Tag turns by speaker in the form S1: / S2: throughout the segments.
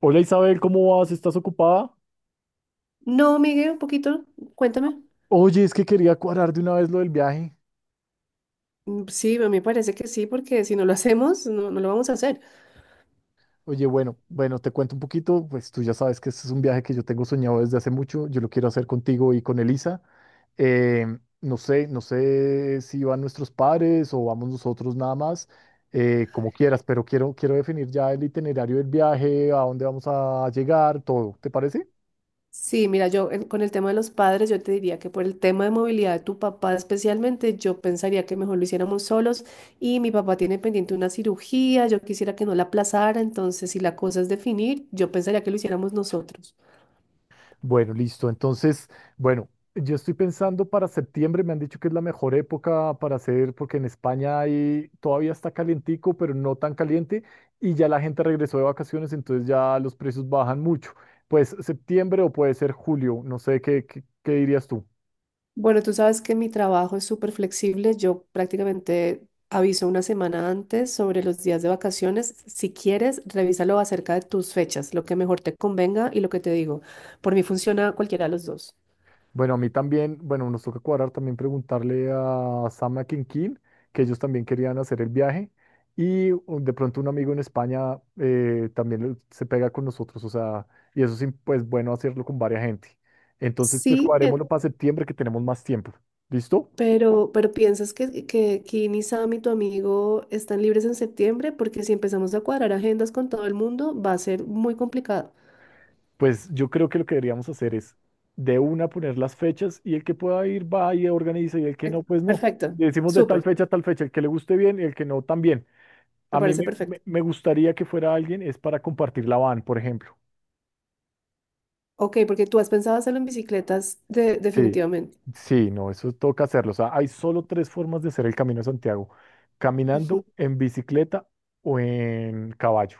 S1: Hola Isabel, ¿cómo vas? ¿Estás ocupada?
S2: No, Miguel, un poquito, cuéntame.
S1: Oye, es que quería cuadrar de una vez lo del viaje.
S2: Mm, sí, a mí me parece que sí, porque si no lo hacemos, no, no lo vamos a hacer.
S1: Oye, bueno, bueno, te cuento un poquito, pues tú ya sabes que este es un viaje que yo tengo soñado desde hace mucho, yo lo quiero hacer contigo y con Elisa. No sé si van nuestros padres o vamos nosotros nada más, como quieras, pero quiero definir ya el itinerario del viaje, a dónde vamos a llegar, todo, ¿te parece?
S2: Sí, mira, con el tema de los padres, yo te diría que por el tema de movilidad de tu papá especialmente, yo pensaría que mejor lo hiciéramos solos y mi papá tiene pendiente una cirugía, yo quisiera que no la aplazara, entonces si la cosa es definir, yo pensaría que lo hiciéramos nosotros.
S1: Bueno, listo. Entonces, bueno, yo estoy pensando para septiembre, me han dicho que es la mejor época para hacer, porque en España hay, todavía está calientico, pero no tan caliente, y ya la gente regresó de vacaciones, entonces ya los precios bajan mucho. Pues septiembre o puede ser julio, no sé, ¿qué dirías tú?
S2: Bueno, tú sabes que mi trabajo es súper flexible. Yo prácticamente aviso una semana antes sobre los días de vacaciones. Si quieres, revísalo acerca de tus fechas, lo que mejor te convenga y lo que te digo. Por mí funciona cualquiera de los dos.
S1: Bueno, a mí también, bueno, nos toca cuadrar también preguntarle a Sam a Kinkin, que ellos también querían hacer el viaje. Y de pronto un amigo en España también se pega con nosotros, o sea, y eso sí, pues bueno, hacerlo con varias gente. Entonces, pues
S2: Sí,
S1: cuadrémoslo para septiembre que tenemos más tiempo. ¿Listo?
S2: pero, pero ¿piensas que Kim y Sam y tu amigo están libres en septiembre? Porque si empezamos a cuadrar agendas con todo el mundo, va a ser muy complicado.
S1: Pues yo creo que lo que deberíamos hacer es de una poner las fechas y el que pueda ir va y organiza y el que
S2: Eh,
S1: no, pues no.
S2: Perfecto,
S1: Decimos de tal
S2: súper,
S1: fecha a tal fecha, el que le guste bien y el que no también.
S2: me
S1: A mí
S2: parece
S1: me,
S2: perfecto.
S1: me- me gustaría que fuera alguien, es para compartir la van, por ejemplo.
S2: Ok, porque tú has pensado hacerlo en
S1: Sí,
S2: definitivamente.
S1: sí, no, eso toca hacerlo. O sea, hay solo tres formas de hacer el Camino de Santiago, caminando,
S2: Ujú.
S1: en bicicleta o en caballo.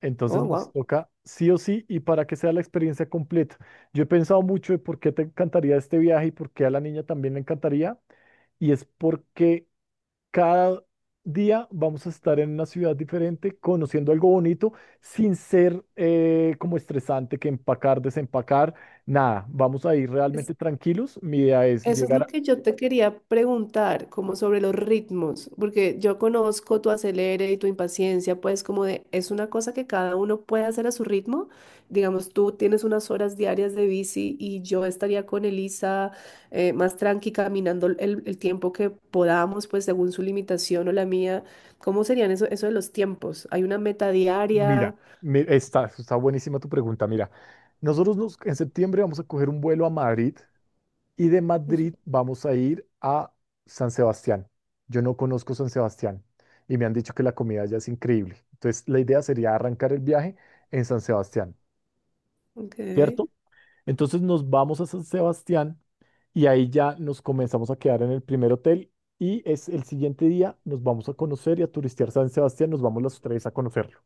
S1: Entonces
S2: Oh,
S1: nos
S2: wow.
S1: toca sí o sí y para que sea la experiencia completa. Yo he pensado mucho de por qué te encantaría este viaje y por qué a la niña también le encantaría. Y es porque cada día vamos a estar en una ciudad diferente, conociendo algo bonito, sin ser como estresante que empacar, desempacar, nada. Vamos a ir
S2: Es-
S1: realmente tranquilos. Mi idea es
S2: Eso es
S1: llegar
S2: lo
S1: a.
S2: que yo te quería preguntar, como sobre los ritmos, porque yo conozco tu acelere y tu impaciencia, pues como de, es una cosa que cada uno puede hacer a su ritmo. Digamos, tú tienes unas horas diarias de bici y yo estaría con Elisa más tranqui caminando el tiempo que podamos, pues según su limitación o la mía. ¿Cómo serían eso de los tiempos? ¿Hay una meta
S1: Mira,
S2: diaria?
S1: está buenísima tu pregunta. Mira, nosotros en septiembre vamos a coger un vuelo a Madrid y de Madrid vamos a ir a San Sebastián. Yo no conozco San Sebastián y me han dicho que la comida allá es increíble. Entonces, la idea sería arrancar el viaje en San Sebastián.
S2: Ok,
S1: ¿Cierto? Entonces nos vamos a San Sebastián y ahí ya nos comenzamos a quedar en el primer hotel y es el siguiente día nos vamos a conocer y a turistear San Sebastián, nos vamos los tres a conocerlo.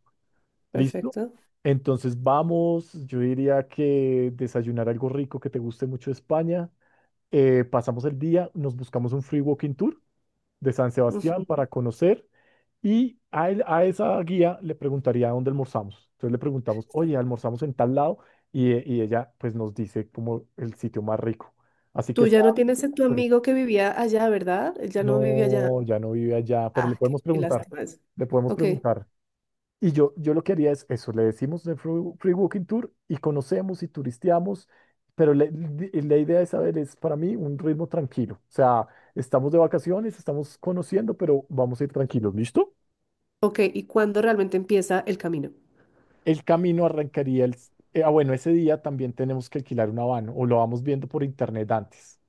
S1: ¿Listo?
S2: perfecto.
S1: Entonces vamos, yo diría que desayunar algo rico que te guste mucho de España, pasamos el día, nos buscamos un free walking tour de San Sebastián
S2: Ujú.
S1: para conocer y a esa guía le preguntaría dónde almorzamos. Entonces le preguntamos, oye, almorzamos en tal lado y ella pues nos dice como el sitio más rico. Así
S2: Tú
S1: que
S2: ya
S1: sea,
S2: no tienes a tu
S1: pero
S2: amigo que vivía allá, ¿verdad? Él ya no vive allá.
S1: no, ya no vive allá, pero le
S2: Ah, qué,
S1: podemos
S2: qué
S1: preguntar,
S2: lástima eso.
S1: le podemos
S2: Ok,
S1: preguntar. Y yo lo que haría es eso, le decimos de Free, Free Walking Tour y conocemos y turisteamos, pero la idea de saber es para mí un ritmo tranquilo. O sea, estamos de vacaciones, estamos conociendo, pero vamos a ir tranquilos, ¿listo?
S2: ok. ¿Y cuándo realmente empieza el camino?
S1: El camino arrancaría el ah, bueno, ese día también tenemos que alquilar una van o lo vamos viendo por internet antes.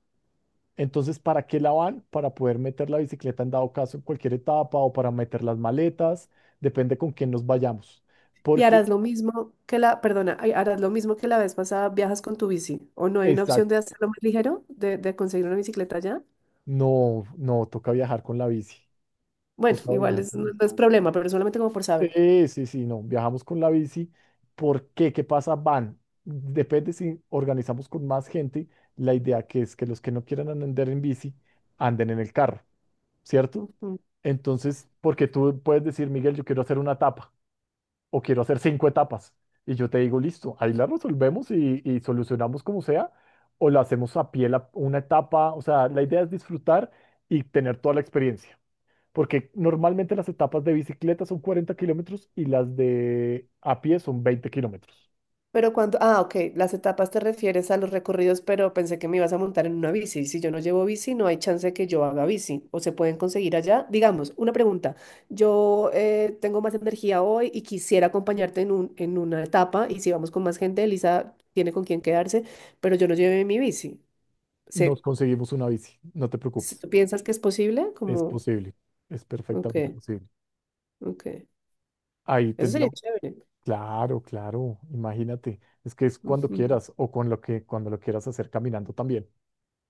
S1: Entonces, ¿para qué la van? Para poder meter la bicicleta en dado caso en cualquier etapa o para meter las maletas, depende con quién nos vayamos.
S2: Y
S1: Porque,
S2: harás lo mismo que la, perdona, ay, harás lo mismo que la vez pasada, viajas con tu bici. ¿O no hay una opción
S1: exacto,
S2: de hacerlo más ligero, de conseguir una bicicleta allá?
S1: no, no, toca viajar con la bici.
S2: Bueno,
S1: Toca
S2: igual
S1: viajar
S2: es,
S1: con la
S2: no,
S1: bici.
S2: no es problema, pero solamente como por saberlo.
S1: Sí, sí, sí, no, viajamos con la bici. ¿Por qué? ¿Qué pasa? Van. Depende si organizamos con más gente. La idea que es que los que no quieran andar en bici anden en el carro. ¿Cierto?
S2: Ujú.
S1: Entonces, porque tú puedes decir, Miguel, yo quiero hacer una etapa o quiero hacer cinco etapas. Y yo te digo, listo, ahí la resolvemos y solucionamos como sea, o la hacemos a pie una etapa. O sea, la idea es disfrutar y tener toda la experiencia. Porque normalmente las etapas de bicicleta son 40 kilómetros y las de a pie son 20 kilómetros.
S2: Pero cuando, ah, ok, las etapas te refieres a los recorridos, pero pensé que me ibas a montar en una bici. Si yo no llevo bici, no hay chance de que yo haga bici. O se pueden conseguir allá. Digamos, una pregunta. Yo tengo más energía hoy y quisiera acompañarte en un, en una etapa. Y si vamos con más gente, Elisa tiene con quién quedarse, pero yo no llevé mi bici.
S1: Nos
S2: Se,
S1: conseguimos una bici, no te
S2: si
S1: preocupes.
S2: tú piensas que es posible,
S1: Es
S2: como,
S1: posible, es perfectamente
S2: ok,
S1: posible.
S2: ok.
S1: Ahí
S2: Eso
S1: tendría.
S2: sería chévere.
S1: Claro, claro, imagínate, es que es cuando quieras o con lo que cuando lo quieras hacer caminando también.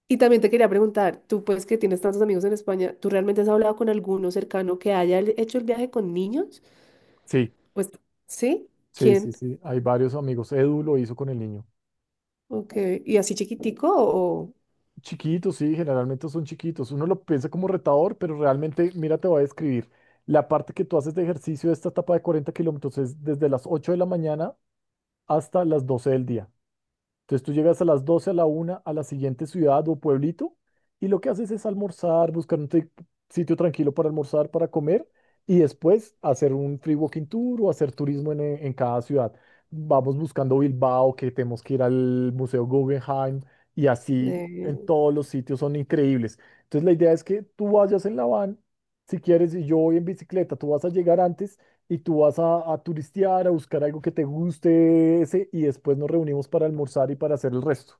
S2: Y también te quería preguntar, tú pues que tienes tantos amigos en España, ¿tú realmente has hablado con alguno cercano que haya hecho el viaje con niños?
S1: Sí,
S2: Pues, ¿sí?
S1: sí, sí,
S2: ¿Quién?
S1: sí, hay varios amigos. Edu lo hizo con el niño.
S2: Okay. ¿Y así chiquitico o...?
S1: Chiquitos, sí, generalmente son chiquitos. Uno lo piensa como retador, pero realmente, mira, te voy a describir. La parte que tú haces de ejercicio de esta etapa de 40 kilómetros es desde las 8 de la mañana hasta las 12 del día. Entonces tú llegas a las 12 a la una a la siguiente ciudad o pueblito y lo que haces es almorzar, buscar un sitio tranquilo para almorzar, para comer y después hacer un free walking tour o hacer turismo en cada ciudad. Vamos buscando Bilbao, que tenemos que ir al Museo Guggenheim y así en
S2: eh,
S1: todos los sitios son increíbles. Entonces la idea es que tú vayas en la van, si quieres, y yo voy en bicicleta, tú vas a llegar antes y tú vas a turistear, a buscar algo que te guste ese, y después nos reunimos para almorzar y para hacer el resto.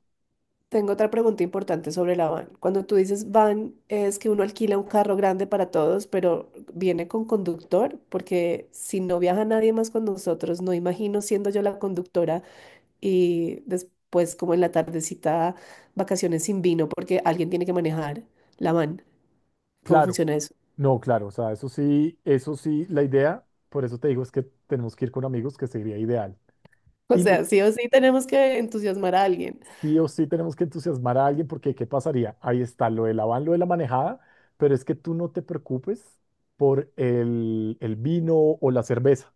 S2: Tengo otra pregunta importante sobre la van. Cuando tú dices van, es que uno alquila un carro grande para todos, pero viene con conductor, porque si no viaja nadie más con nosotros, no imagino siendo yo la conductora y después como en la tardecita vacaciones sin vino porque alguien tiene que manejar la van. ¿Cómo
S1: Claro,
S2: funciona eso?
S1: no, claro, o sea, eso sí, la idea, por eso te digo, es que tenemos que ir con amigos, que sería ideal.
S2: O
S1: Y lo
S2: sea,
S1: que
S2: sí o sí tenemos que entusiasmar a alguien.
S1: sí o sí tenemos que entusiasmar a alguien, porque ¿qué pasaría? Ahí está lo del van, lo de la manejada, pero es que tú no te preocupes por el vino o la cerveza,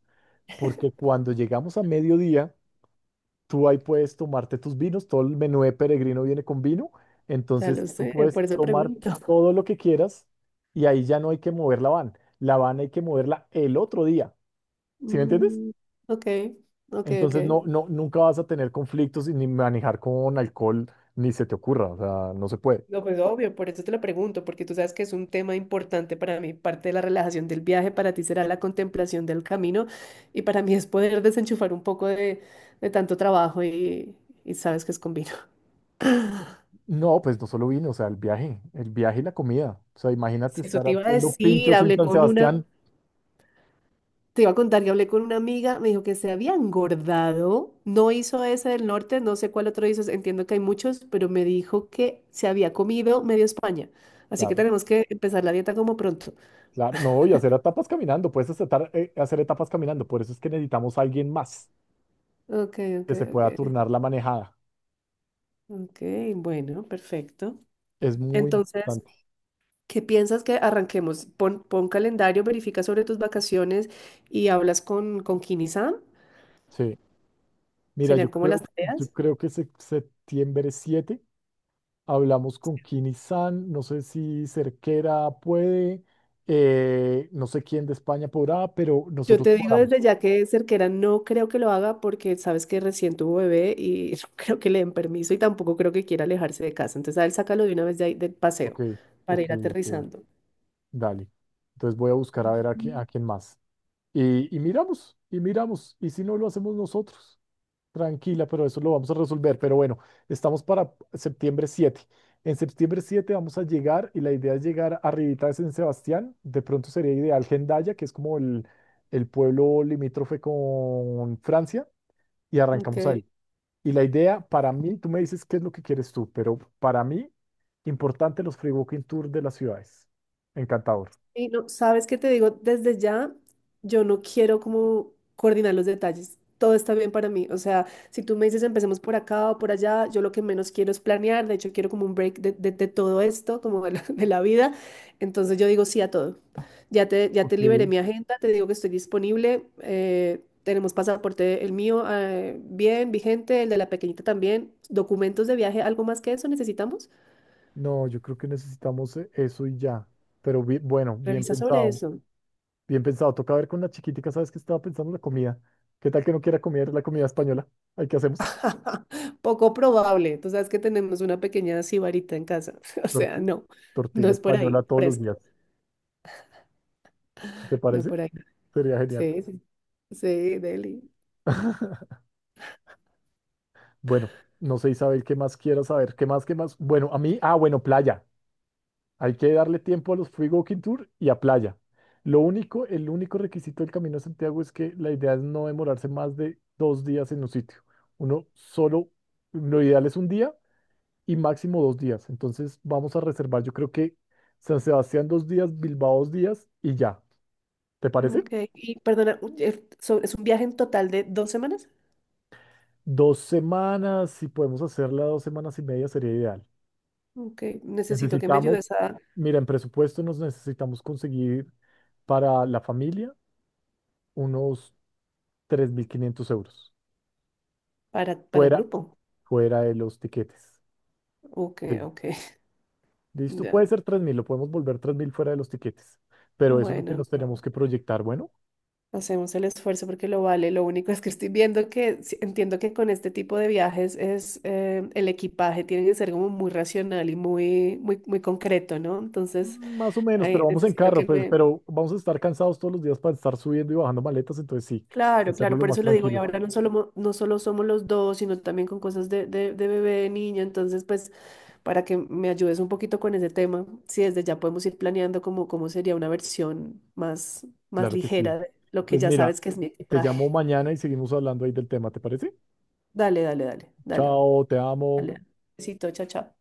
S1: porque cuando llegamos a mediodía, tú ahí puedes tomarte tus vinos, todo el menú de peregrino viene con vino,
S2: Ya lo
S1: entonces tú
S2: sé,
S1: puedes
S2: por eso
S1: tomar
S2: pregunto.
S1: todo lo que quieras y ahí ya no hay que mover la van. La van hay que moverla el otro día, ¿sí me entiendes?
S2: Mm, ok, ok, ok.
S1: Entonces no, no, nunca vas a tener conflictos y ni manejar con alcohol, ni se te ocurra, o sea, no se puede.
S2: No, pues obvio, por eso te lo pregunto, porque tú sabes que es un tema importante para mí. Parte de la relajación del viaje para ti será la contemplación del camino y para mí es poder desenchufar un poco de tanto trabajo y sabes que es con vino.
S1: No, pues no solo vino, o sea, el viaje y la comida. O sea, imagínate
S2: Sí, eso
S1: estar
S2: te iba a
S1: haciendo
S2: decir,
S1: pinchos en San Sebastián.
S2: te iba a contar que hablé con una amiga, me dijo que se había engordado, no hizo ese del norte, no sé cuál otro hizo, entiendo que hay muchos, pero me dijo que se había comido medio España, así que
S1: Claro,
S2: tenemos que empezar la dieta como pronto.
S1: claro, no, y hacer etapas caminando, puedes hacer, hacer etapas caminando, por eso es que necesitamos a alguien más.
S2: Ok, ok,
S1: Que se pueda
S2: ok,
S1: turnar la manejada.
S2: ok, bueno, perfecto.
S1: Es muy
S2: Entonces,
S1: importante.
S2: ¿qué piensas que arranquemos? Pon, pon calendario, verifica sobre tus vacaciones y hablas con Kini-san,
S1: Sí. Mira, yo
S2: serían como las
S1: creo, yo
S2: tareas.
S1: creo que septiembre 7 hablamos con Kini San, no sé si Cerquera puede, no sé quién de España podrá, pero
S2: Yo
S1: nosotros
S2: te, digo
S1: cuadramos.
S2: desde ya que Cerquera no creo que lo haga porque sabes que recién tuvo bebé y no creo que le den permiso y tampoco creo que quiera alejarse de casa. Entonces a él sácalo de una vez de ahí del paseo
S1: Ok,
S2: para
S1: ok,
S2: ir
S1: ok,
S2: aterrizando.
S1: dale. Entonces voy a buscar a ver a quién más. Y miramos, y miramos, y si no lo hacemos nosotros. Tranquila, pero eso lo vamos a resolver. Pero bueno, estamos para septiembre 7. En septiembre 7 vamos a llegar y la idea es llegar arribita de San Sebastián. De pronto sería ideal Hendaya, que es como el pueblo limítrofe con Francia, y arrancamos ahí.
S2: Ok.
S1: Y la idea para mí, tú me dices qué es lo que quieres tú, pero para mí, importante los free walking tour de las ciudades. Encantador.
S2: Y no, ¿sabes qué te digo? Desde ya, yo no quiero como coordinar los detalles. Todo está bien para mí. O sea, si tú me dices empecemos por acá o por allá, yo lo que menos quiero es planear. De hecho, quiero como un break de todo esto, como de la, de la vida. Entonces yo digo sí a todo. Ya
S1: Ok,
S2: te liberé mi agenda, te digo que estoy disponible. Tenemos pasaporte, el mío, bien, vigente, el de la pequeñita también. Documentos de viaje, ¿algo más que eso necesitamos?
S1: no, yo creo que necesitamos eso y ya. Pero bueno, bien
S2: Revisa sobre
S1: pensado.
S2: eso.
S1: Bien pensado, toca ver con la chiquitica, ¿sabes qué estaba pensando? La comida. ¿Qué tal que no quiera comer la comida española? ¿Ahí qué hacemos?
S2: Poco probable. Tú sabes que tenemos una pequeña sibarita en casa. O sea,
S1: Torti-
S2: no, no
S1: tortilla
S2: es por
S1: española
S2: ahí,
S1: todos los
S2: fresco.
S1: días. ¿Te
S2: No
S1: parece?
S2: por ahí.
S1: Sería genial.
S2: Sí, sí, sí, Deli.
S1: Bueno, no sé, Isabel, ¿qué más quieras saber? ¿Qué más, qué más? Bueno, a mí, ah, bueno, playa. Hay que darle tiempo a los Free Walking Tour y a playa. Lo único, el único requisito del Camino de Santiago es que la idea es no demorarse más de 2 días en un sitio. Uno solo, lo ideal es un día y máximo 2 días. Entonces vamos a reservar, yo creo que San Sebastián 2 días, Bilbao 2 días y ya. ¿Te parece?
S2: Ok. Y perdona, ¿es un viaje en total de dos semanas?
S1: 2 semanas, si podemos hacerla 2 semanas y media sería ideal.
S2: Ok. Necesito que me ayudes
S1: Necesitamos,
S2: a,
S1: mira, en presupuesto nos necesitamos conseguir para la familia unos 3.500 euros,
S2: para el
S1: fuera,
S2: grupo.
S1: fuera de los tiquetes.
S2: Ok,
S1: Sí.
S2: ok.
S1: ¿Listo?
S2: Ya.
S1: Puede ser 3.000 lo podemos volver 3.000 fuera de los tiquetes, pero eso es lo que
S2: Bueno,
S1: nos tenemos
S2: no.
S1: que proyectar, bueno.
S2: Hacemos el esfuerzo porque lo vale. Lo único es que estoy viendo que sí, entiendo que con este tipo de viajes es el equipaje tiene que ser como muy racional y muy, muy, muy concreto, ¿no? Entonces,
S1: Más o menos,
S2: ahí
S1: pero vamos en
S2: necesito
S1: carro,
S2: que
S1: pues,
S2: me.
S1: pero vamos a estar cansados todos los días para estar subiendo y bajando maletas, entonces sí,
S2: Claro,
S1: hacerlo
S2: claro,
S1: lo
S2: por
S1: más
S2: eso lo digo. Y
S1: tranquilo.
S2: ahora no solo somos los dos, sino también con cosas de bebé, de niña. Entonces, pues, para que me ayudes un poquito con ese tema, si desde ya podemos ir planeando cómo sería una versión más, más
S1: Claro que sí.
S2: ligera de lo que
S1: Pues
S2: ya
S1: mira,
S2: sabes que es mi
S1: te llamo
S2: equipaje.
S1: mañana y seguimos hablando ahí del tema, ¿te parece?
S2: Dale, dale, dale, dale.
S1: Chao, te amo.
S2: Dale. Besito, chao, chao.